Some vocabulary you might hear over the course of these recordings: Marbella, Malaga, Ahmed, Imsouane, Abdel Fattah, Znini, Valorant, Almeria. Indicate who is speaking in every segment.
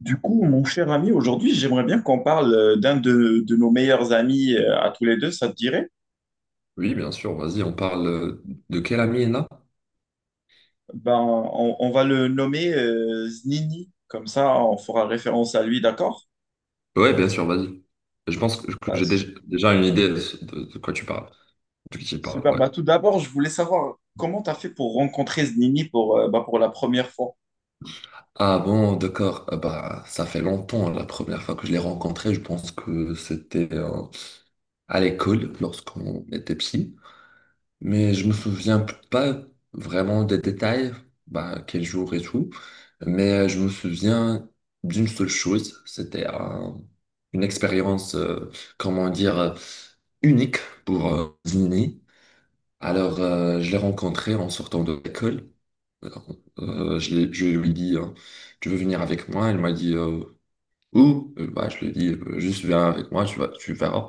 Speaker 1: Du coup, mon cher ami, aujourd'hui, j'aimerais bien qu'on parle d'un de nos meilleurs amis à tous les deux, ça te dirait?
Speaker 2: Oui, bien sûr, vas-y, on parle de quelle amie là?
Speaker 1: Ben, on va le nommer Znini, comme ça on fera référence à lui, d'accord?
Speaker 2: Ouais, bien sûr, vas-y. Je pense que
Speaker 1: Bah,
Speaker 2: j'ai
Speaker 1: s-
Speaker 2: déjà une idée de, de quoi tu parles, de qui tu parles,
Speaker 1: super,
Speaker 2: ouais.
Speaker 1: bah, tout d'abord, je voulais savoir comment tu as fait pour rencontrer Znini pour, bah, pour la première fois.
Speaker 2: Ah bon, d'accord. Ça fait longtemps, la première fois que je l'ai rencontré, je pense que c'était à l'école, lorsqu'on était petit. Mais je me souviens pas vraiment des détails, bah, quel jour et tout. Mais je me souviens d'une seule chose, c'était une expérience, comment dire, unique pour Zini. Alors, je l'ai rencontrée en sortant de l'école. Alors, je lui ai dit, tu veux venir avec moi? Elle m'a dit, où? Bah, je lui ai dit, juste viens avec moi, tu vas, tu verras.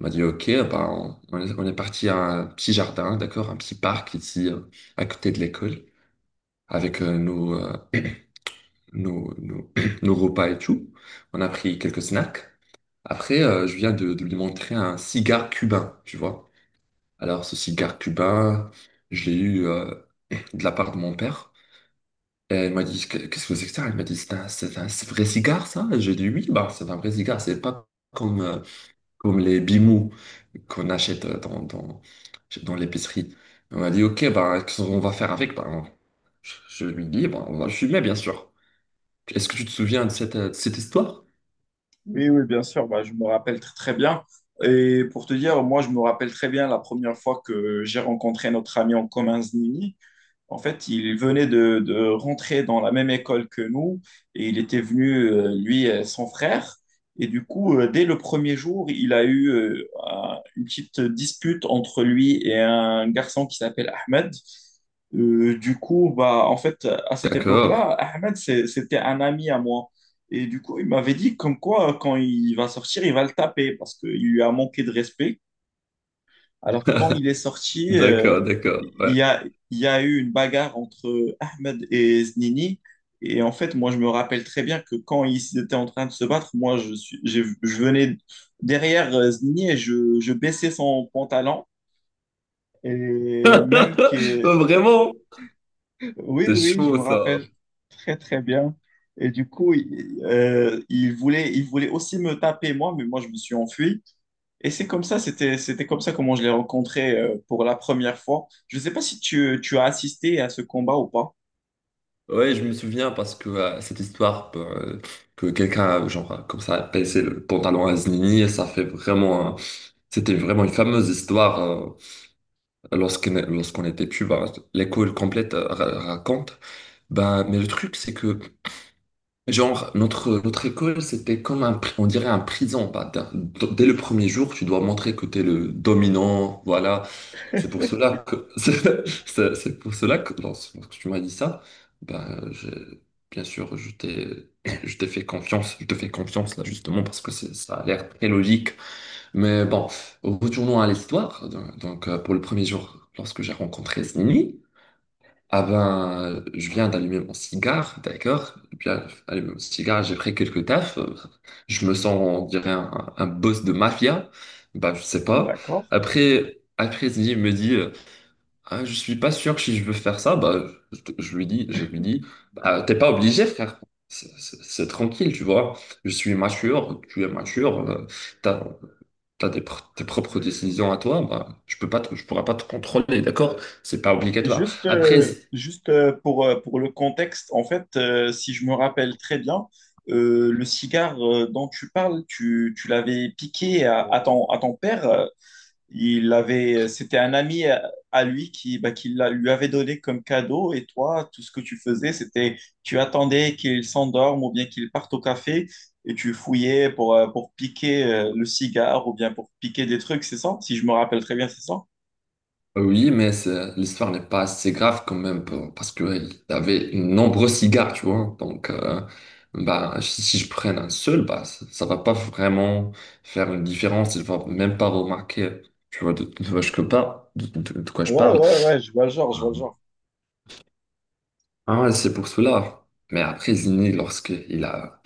Speaker 2: On m'a dit, OK, bah, on est parti à un petit jardin, d'accord, un petit parc ici, à côté de l'école, avec nos, nos repas et tout. On a pris quelques snacks. Après, je viens de lui montrer un cigare cubain, tu vois. Alors, ce cigare cubain, je l'ai eu de la part de mon père. Et elle m'a dit, qu'est-ce que c'est que ça? Elle m'a dit, c'est un vrai cigare, ça? J'ai dit, oui, bah, c'est un vrai cigare, c'est pas comme comme les bimous qu'on achète dans l'épicerie. On m'a dit, OK, ben, qu'est-ce qu'on va faire avec? Ben, je lui dis, ben, on va le fumer, bien sûr. Est-ce que tu te souviens de cette histoire?
Speaker 1: Oui, oui, bien sûr, bah, je me rappelle très bien. Et pour te dire, moi, je me rappelle très bien la première fois que j'ai rencontré notre ami en commun, Znini. En fait, il venait de rentrer dans la même école que nous et il était venu, lui, et son frère. Et du coup, dès le premier jour, il a eu une petite dispute entre lui et un garçon qui s'appelle Ahmed. Du coup, bah, en fait, à cette
Speaker 2: D'accord,
Speaker 1: époque-là, Ahmed, c'était un ami à moi. Et du coup, il m'avait dit comme quoi, quand il va sortir, il va le taper parce qu'il lui a manqué de respect. Alors, quand il est sorti,
Speaker 2: d'accord, d'accord,
Speaker 1: il
Speaker 2: ouais.
Speaker 1: y a, il y a eu une bagarre entre Ahmed et Znini. Et en fait, moi, je me rappelle très bien que quand ils étaient en train de se battre, moi, je venais derrière Znini et je baissais son pantalon. Et même que...
Speaker 2: Vraiment,
Speaker 1: Oui,
Speaker 2: c'est
Speaker 1: oui, je
Speaker 2: chaud
Speaker 1: me
Speaker 2: ça.
Speaker 1: rappelle très bien. Et du coup, il voulait aussi me taper, moi, mais moi, je me suis enfui. Et c'est comme ça, c'était comme ça comment je l'ai rencontré pour la première fois. Je ne sais pas si tu as assisté à ce combat ou pas.
Speaker 2: Ouais, je me souviens parce que cette histoire ben, que quelqu'un, genre, comme ça, a baissé le pantalon à Znini, ça fait vraiment. C'était vraiment une fameuse histoire lorsqu'on était plus bas, l'école complète raconte. Ben, mais le truc, c'est que, genre, notre école, c'était comme un, on dirait un prison. Ben, dès le premier jour, tu dois montrer que tu es le dominant, voilà. C'est pour cela que, c'est pour cela que, lorsque tu m'as dit ça, ben, bien sûr, je t'ai fait confiance, je te fais confiance, là, justement, parce que ça a l'air très logique. Mais bon, retournons à l'histoire. Donc, pour le premier jour, lorsque j'ai rencontré Slimmy, ah ben, je viens d'allumer mon cigare, d'accord? Je viens d'allumer mon cigare, j'ai pris quelques taffes. Je me sens, on dirait, un boss de mafia. Bah, je sais pas.
Speaker 1: D'accord.
Speaker 2: Après Slimmy me dit, ah, je suis pas sûr si je veux faire ça. Bah, je lui dis, bah, t'es pas obligé, frère. C'est tranquille, tu vois. Je suis mature, tu es mature. euh, Tes propres décisions à toi, bah, je pourrais pas te contrôler, d'accord? C'est pas obligatoire. Après, z-
Speaker 1: Juste pour le contexte, en fait, si je me rappelle très bien, le cigare dont tu parles, tu l'avais piqué à ton père. Il avait, c'était un ami à lui qui, bah, lui avait donné comme cadeau. Et toi, tout ce que tu faisais, c'était tu attendais qu'il s'endorme ou bien qu'il parte au café et tu fouillais pour piquer le cigare ou bien pour piquer des trucs, c'est ça? Si je me rappelle très bien, c'est ça?
Speaker 2: euh, oui, mais l'histoire n'est pas assez grave quand même parce qu'il avait de nombreux cigares, tu vois. Donc, bah, si, si je prenne un seul, bah, ça va pas vraiment faire une différence. Il va même pas remarquer, tu vois, de quoi je
Speaker 1: Ouais,
Speaker 2: parle.
Speaker 1: ouais, ouais, je vois le genre, je vois le genre.
Speaker 2: Ah ouais, c'est pour cela. Mais après, Zini, lorsqu'il a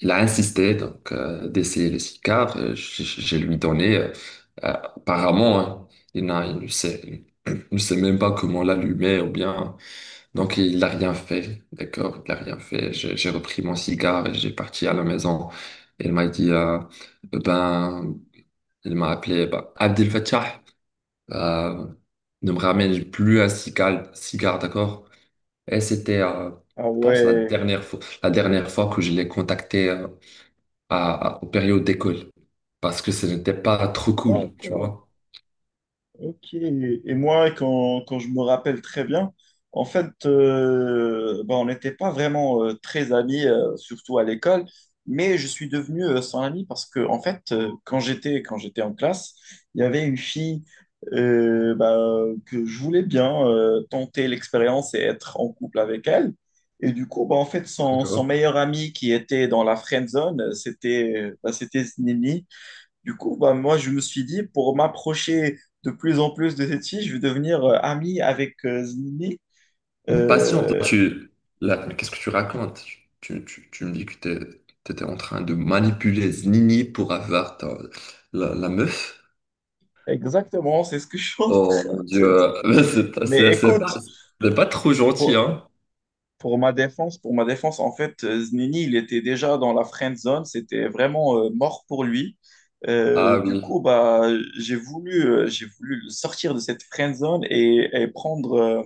Speaker 2: il a insisté donc d'essayer le cigare. Je lui donné. Apparemment, hein, il n'a, il ne sait, il ne sait même pas comment l'allumer ou bien. Donc il n'a rien fait. D'accord, il n'a rien fait. J'ai repris mon cigare et j'ai parti à la maison. Il m'a dit, eh ben, il m'a appelé, eh ben, Abdel Fattah, euh, ne me ramène plus un cigare, cigare, d'accord? Et c'était,
Speaker 1: Ah
Speaker 2: je pense,
Speaker 1: ouais.
Speaker 2: la dernière fois que je l'ai contacté. Aux périodes d'école parce que ce n'était pas trop cool, tu
Speaker 1: D'accord.
Speaker 2: vois.
Speaker 1: Ok. Et moi, quand je me rappelle très bien, en fait, ben, on n'était pas vraiment très amis, surtout à l'école, mais je suis devenu son ami parce que, en fait, quand quand j'étais en classe, il y avait une fille ben, que je voulais bien tenter l'expérience et être en couple avec elle. Et du coup, ben, en fait, son
Speaker 2: D'accord.
Speaker 1: meilleur ami qui était dans la friend zone, c'était Znini. Du coup, bah, moi, je me suis dit, pour m'approcher de plus en plus de cette fille, je vais devenir ami avec Zini.
Speaker 2: Mais patiente, là,
Speaker 1: Euh,
Speaker 2: là, mais qu'est-ce que tu racontes? Tu me dis que t'étais en train de manipuler Znini pour avoir la meuf.
Speaker 1: exactement, c'est ce que je suis en
Speaker 2: Oh
Speaker 1: train de
Speaker 2: mon
Speaker 1: te
Speaker 2: Dieu,
Speaker 1: dire.
Speaker 2: c'est pas,
Speaker 1: Mais
Speaker 2: c'est- c'est pas,
Speaker 1: écoute,
Speaker 2: c'est pas trop gentil,
Speaker 1: pour-
Speaker 2: hein?
Speaker 1: Pour ma défense, en fait, Znini, il était déjà dans la friend zone, c'était vraiment mort pour lui.
Speaker 2: Ah
Speaker 1: Du
Speaker 2: oui,
Speaker 1: coup, bah, j'ai voulu le sortir de cette friend zone et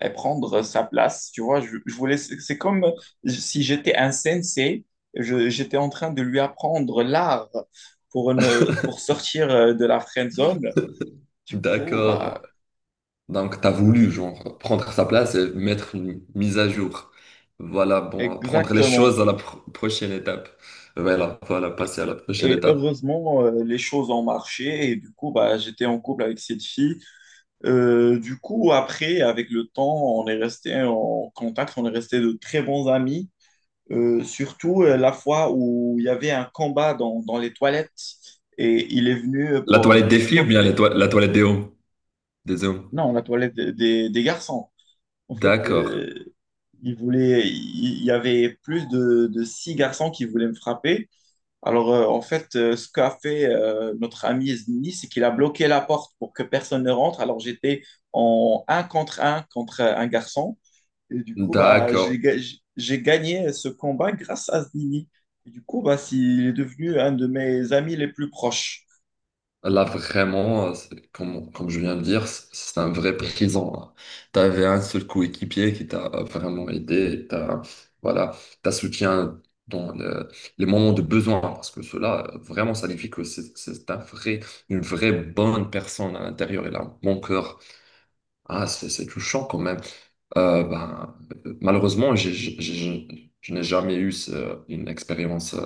Speaker 1: et prendre sa place. Tu vois, je voulais, c'est comme si j'étais un sensei, j'étais en train de lui apprendre l'art pour ne, pour sortir de la friend zone. Du coup,
Speaker 2: d'accord.
Speaker 1: bah,
Speaker 2: Donc, tu as voulu genre, prendre sa place et mettre une mise à jour. Voilà, bon, prendre les
Speaker 1: exactement.
Speaker 2: choses à la prochaine étape. Voilà, voilà,
Speaker 1: Et
Speaker 2: passer à la prochaine étape.
Speaker 1: heureusement, les choses ont marché et du coup, bah, j'étais en couple avec cette fille. Du coup, après, avec le temps, on est resté en contact, on est resté de très bons amis. Surtout la fois où il y avait un combat dans les toilettes et il est venu
Speaker 2: La toilette
Speaker 1: pour
Speaker 2: des filles ou bien la,
Speaker 1: stopper.
Speaker 2: la toilette des hommes? Des hommes.
Speaker 1: Non, la toilette des, des garçons. En fait,
Speaker 2: D'accord,
Speaker 1: il y avait plus de six garçons qui voulaient me frapper. Alors, en fait, ce qu'a fait notre ami Zini, c'est qu'il a bloqué la porte pour que personne ne rentre. Alors, j'étais en un contre un contre un garçon. Et du coup, bah,
Speaker 2: d'accord.
Speaker 1: j'ai gagné ce combat grâce à Zini. Et du coup, bah, il est devenu un de mes amis les plus proches.
Speaker 2: Là, vraiment, comme, comme je viens de dire, c'est un vrai présent. Tu avais un seul coéquipier qui t'a vraiment aidé, et t'as, voilà, t'as soutien dans les moments de besoin, parce que cela, vraiment, ça signifie que c'est un vrai, une vraie bonne personne à l'intérieur, et là, mon cœur, ah, c'est touchant quand même. Euh, ben, Malheureusement, je n'ai jamais eu une expérience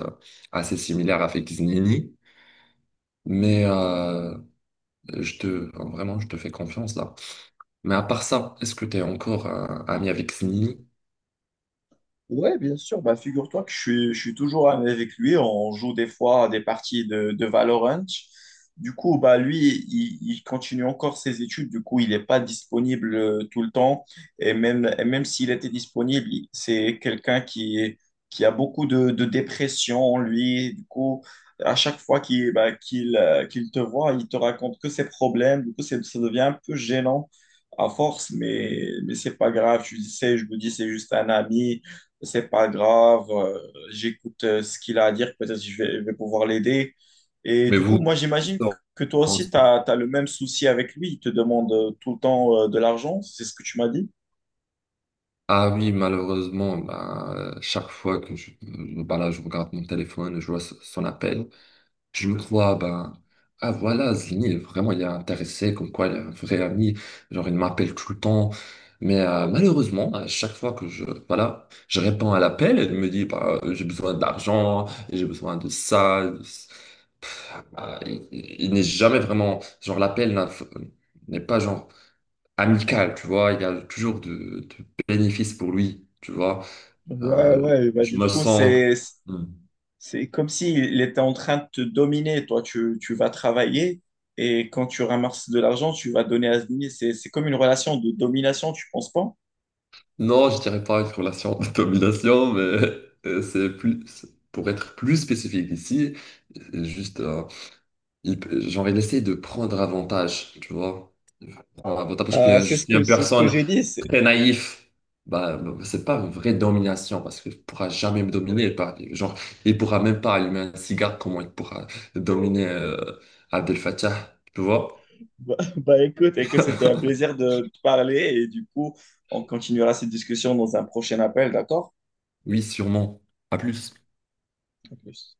Speaker 2: assez similaire avec Znini. Mais je te, enfin, vraiment, je te fais confiance là. Mais à part ça, est-ce que tu es encore ami avec Snini?
Speaker 1: Ouais, bien sûr. Bah, figure-toi que je suis toujours avec lui. On joue des fois des parties de Valorant. Du coup, bah, lui, il continue encore ses études. Du coup, il n'est pas disponible tout le temps. Et même s'il était disponible, c'est quelqu'un qui a beaucoup de dépression en lui. Du coup, à chaque fois qu'il te voit, il te raconte que ses problèmes. Du coup, ça devient un peu gênant à force, mais c'est pas grave. Je sais, je me dis, c'est juste un ami, c'est pas grave, j'écoute ce qu'il a à dire, peut-être je vais pouvoir l'aider. Et
Speaker 2: Mais
Speaker 1: du coup,
Speaker 2: vous,
Speaker 1: moi,
Speaker 2: vous
Speaker 1: j'imagine
Speaker 2: sortez
Speaker 1: que toi aussi, tu
Speaker 2: ensemble.
Speaker 1: as, le même souci avec lui, il te demande tout le temps de l'argent, c'est ce que tu m'as dit?
Speaker 2: Ah oui, malheureusement, bah, chaque fois que je, bah là, je regarde mon téléphone, je vois son appel, je me crois, bah, ah voilà, Zini vraiment, il est intéressé, comme quoi, il est un vrai ami, genre, il m'appelle tout le temps. Mais malheureusement, à chaque fois que je, voilà, je réponds à l'appel, elle me dit, bah, j'ai besoin d'argent, j'ai besoin de ça. Il n'est jamais vraiment, genre l'appel n'a- n'est pas genre amical, tu vois, il y a toujours de bénéfices pour lui, tu vois.
Speaker 1: Ouais, ouais, bah
Speaker 2: Je
Speaker 1: du
Speaker 2: me
Speaker 1: coup,
Speaker 2: sens,
Speaker 1: C'est,
Speaker 2: hmm.
Speaker 1: c'est comme s'il était en train de te dominer. Toi, tu vas travailler et quand tu ramasses de l'argent, tu vas donner à ce dîner. C'est comme une relation de domination, tu penses pas?
Speaker 2: Non, je dirais pas une relation de domination, mais c'est plus, pour être plus spécifique ici, c'est juste, il, genre il essaie de prendre avantage, tu vois. Prendre avantage parce qu'il y
Speaker 1: Ah,
Speaker 2: a
Speaker 1: c'est ce
Speaker 2: juste
Speaker 1: que
Speaker 2: une personne
Speaker 1: j'ai dit.
Speaker 2: très naïf, bah, c'est pas une vraie domination parce qu'il pourra jamais me dominer. Par, genre, il pourra même pas allumer un cigare, comment il pourra dominer Abdel Fattah, tu vois?
Speaker 1: Bah, bah, écoute, écoute, c'était un plaisir de te parler et du coup, on continuera cette discussion dans un prochain appel, d'accord?
Speaker 2: Oui, sûrement. À plus.
Speaker 1: À plus.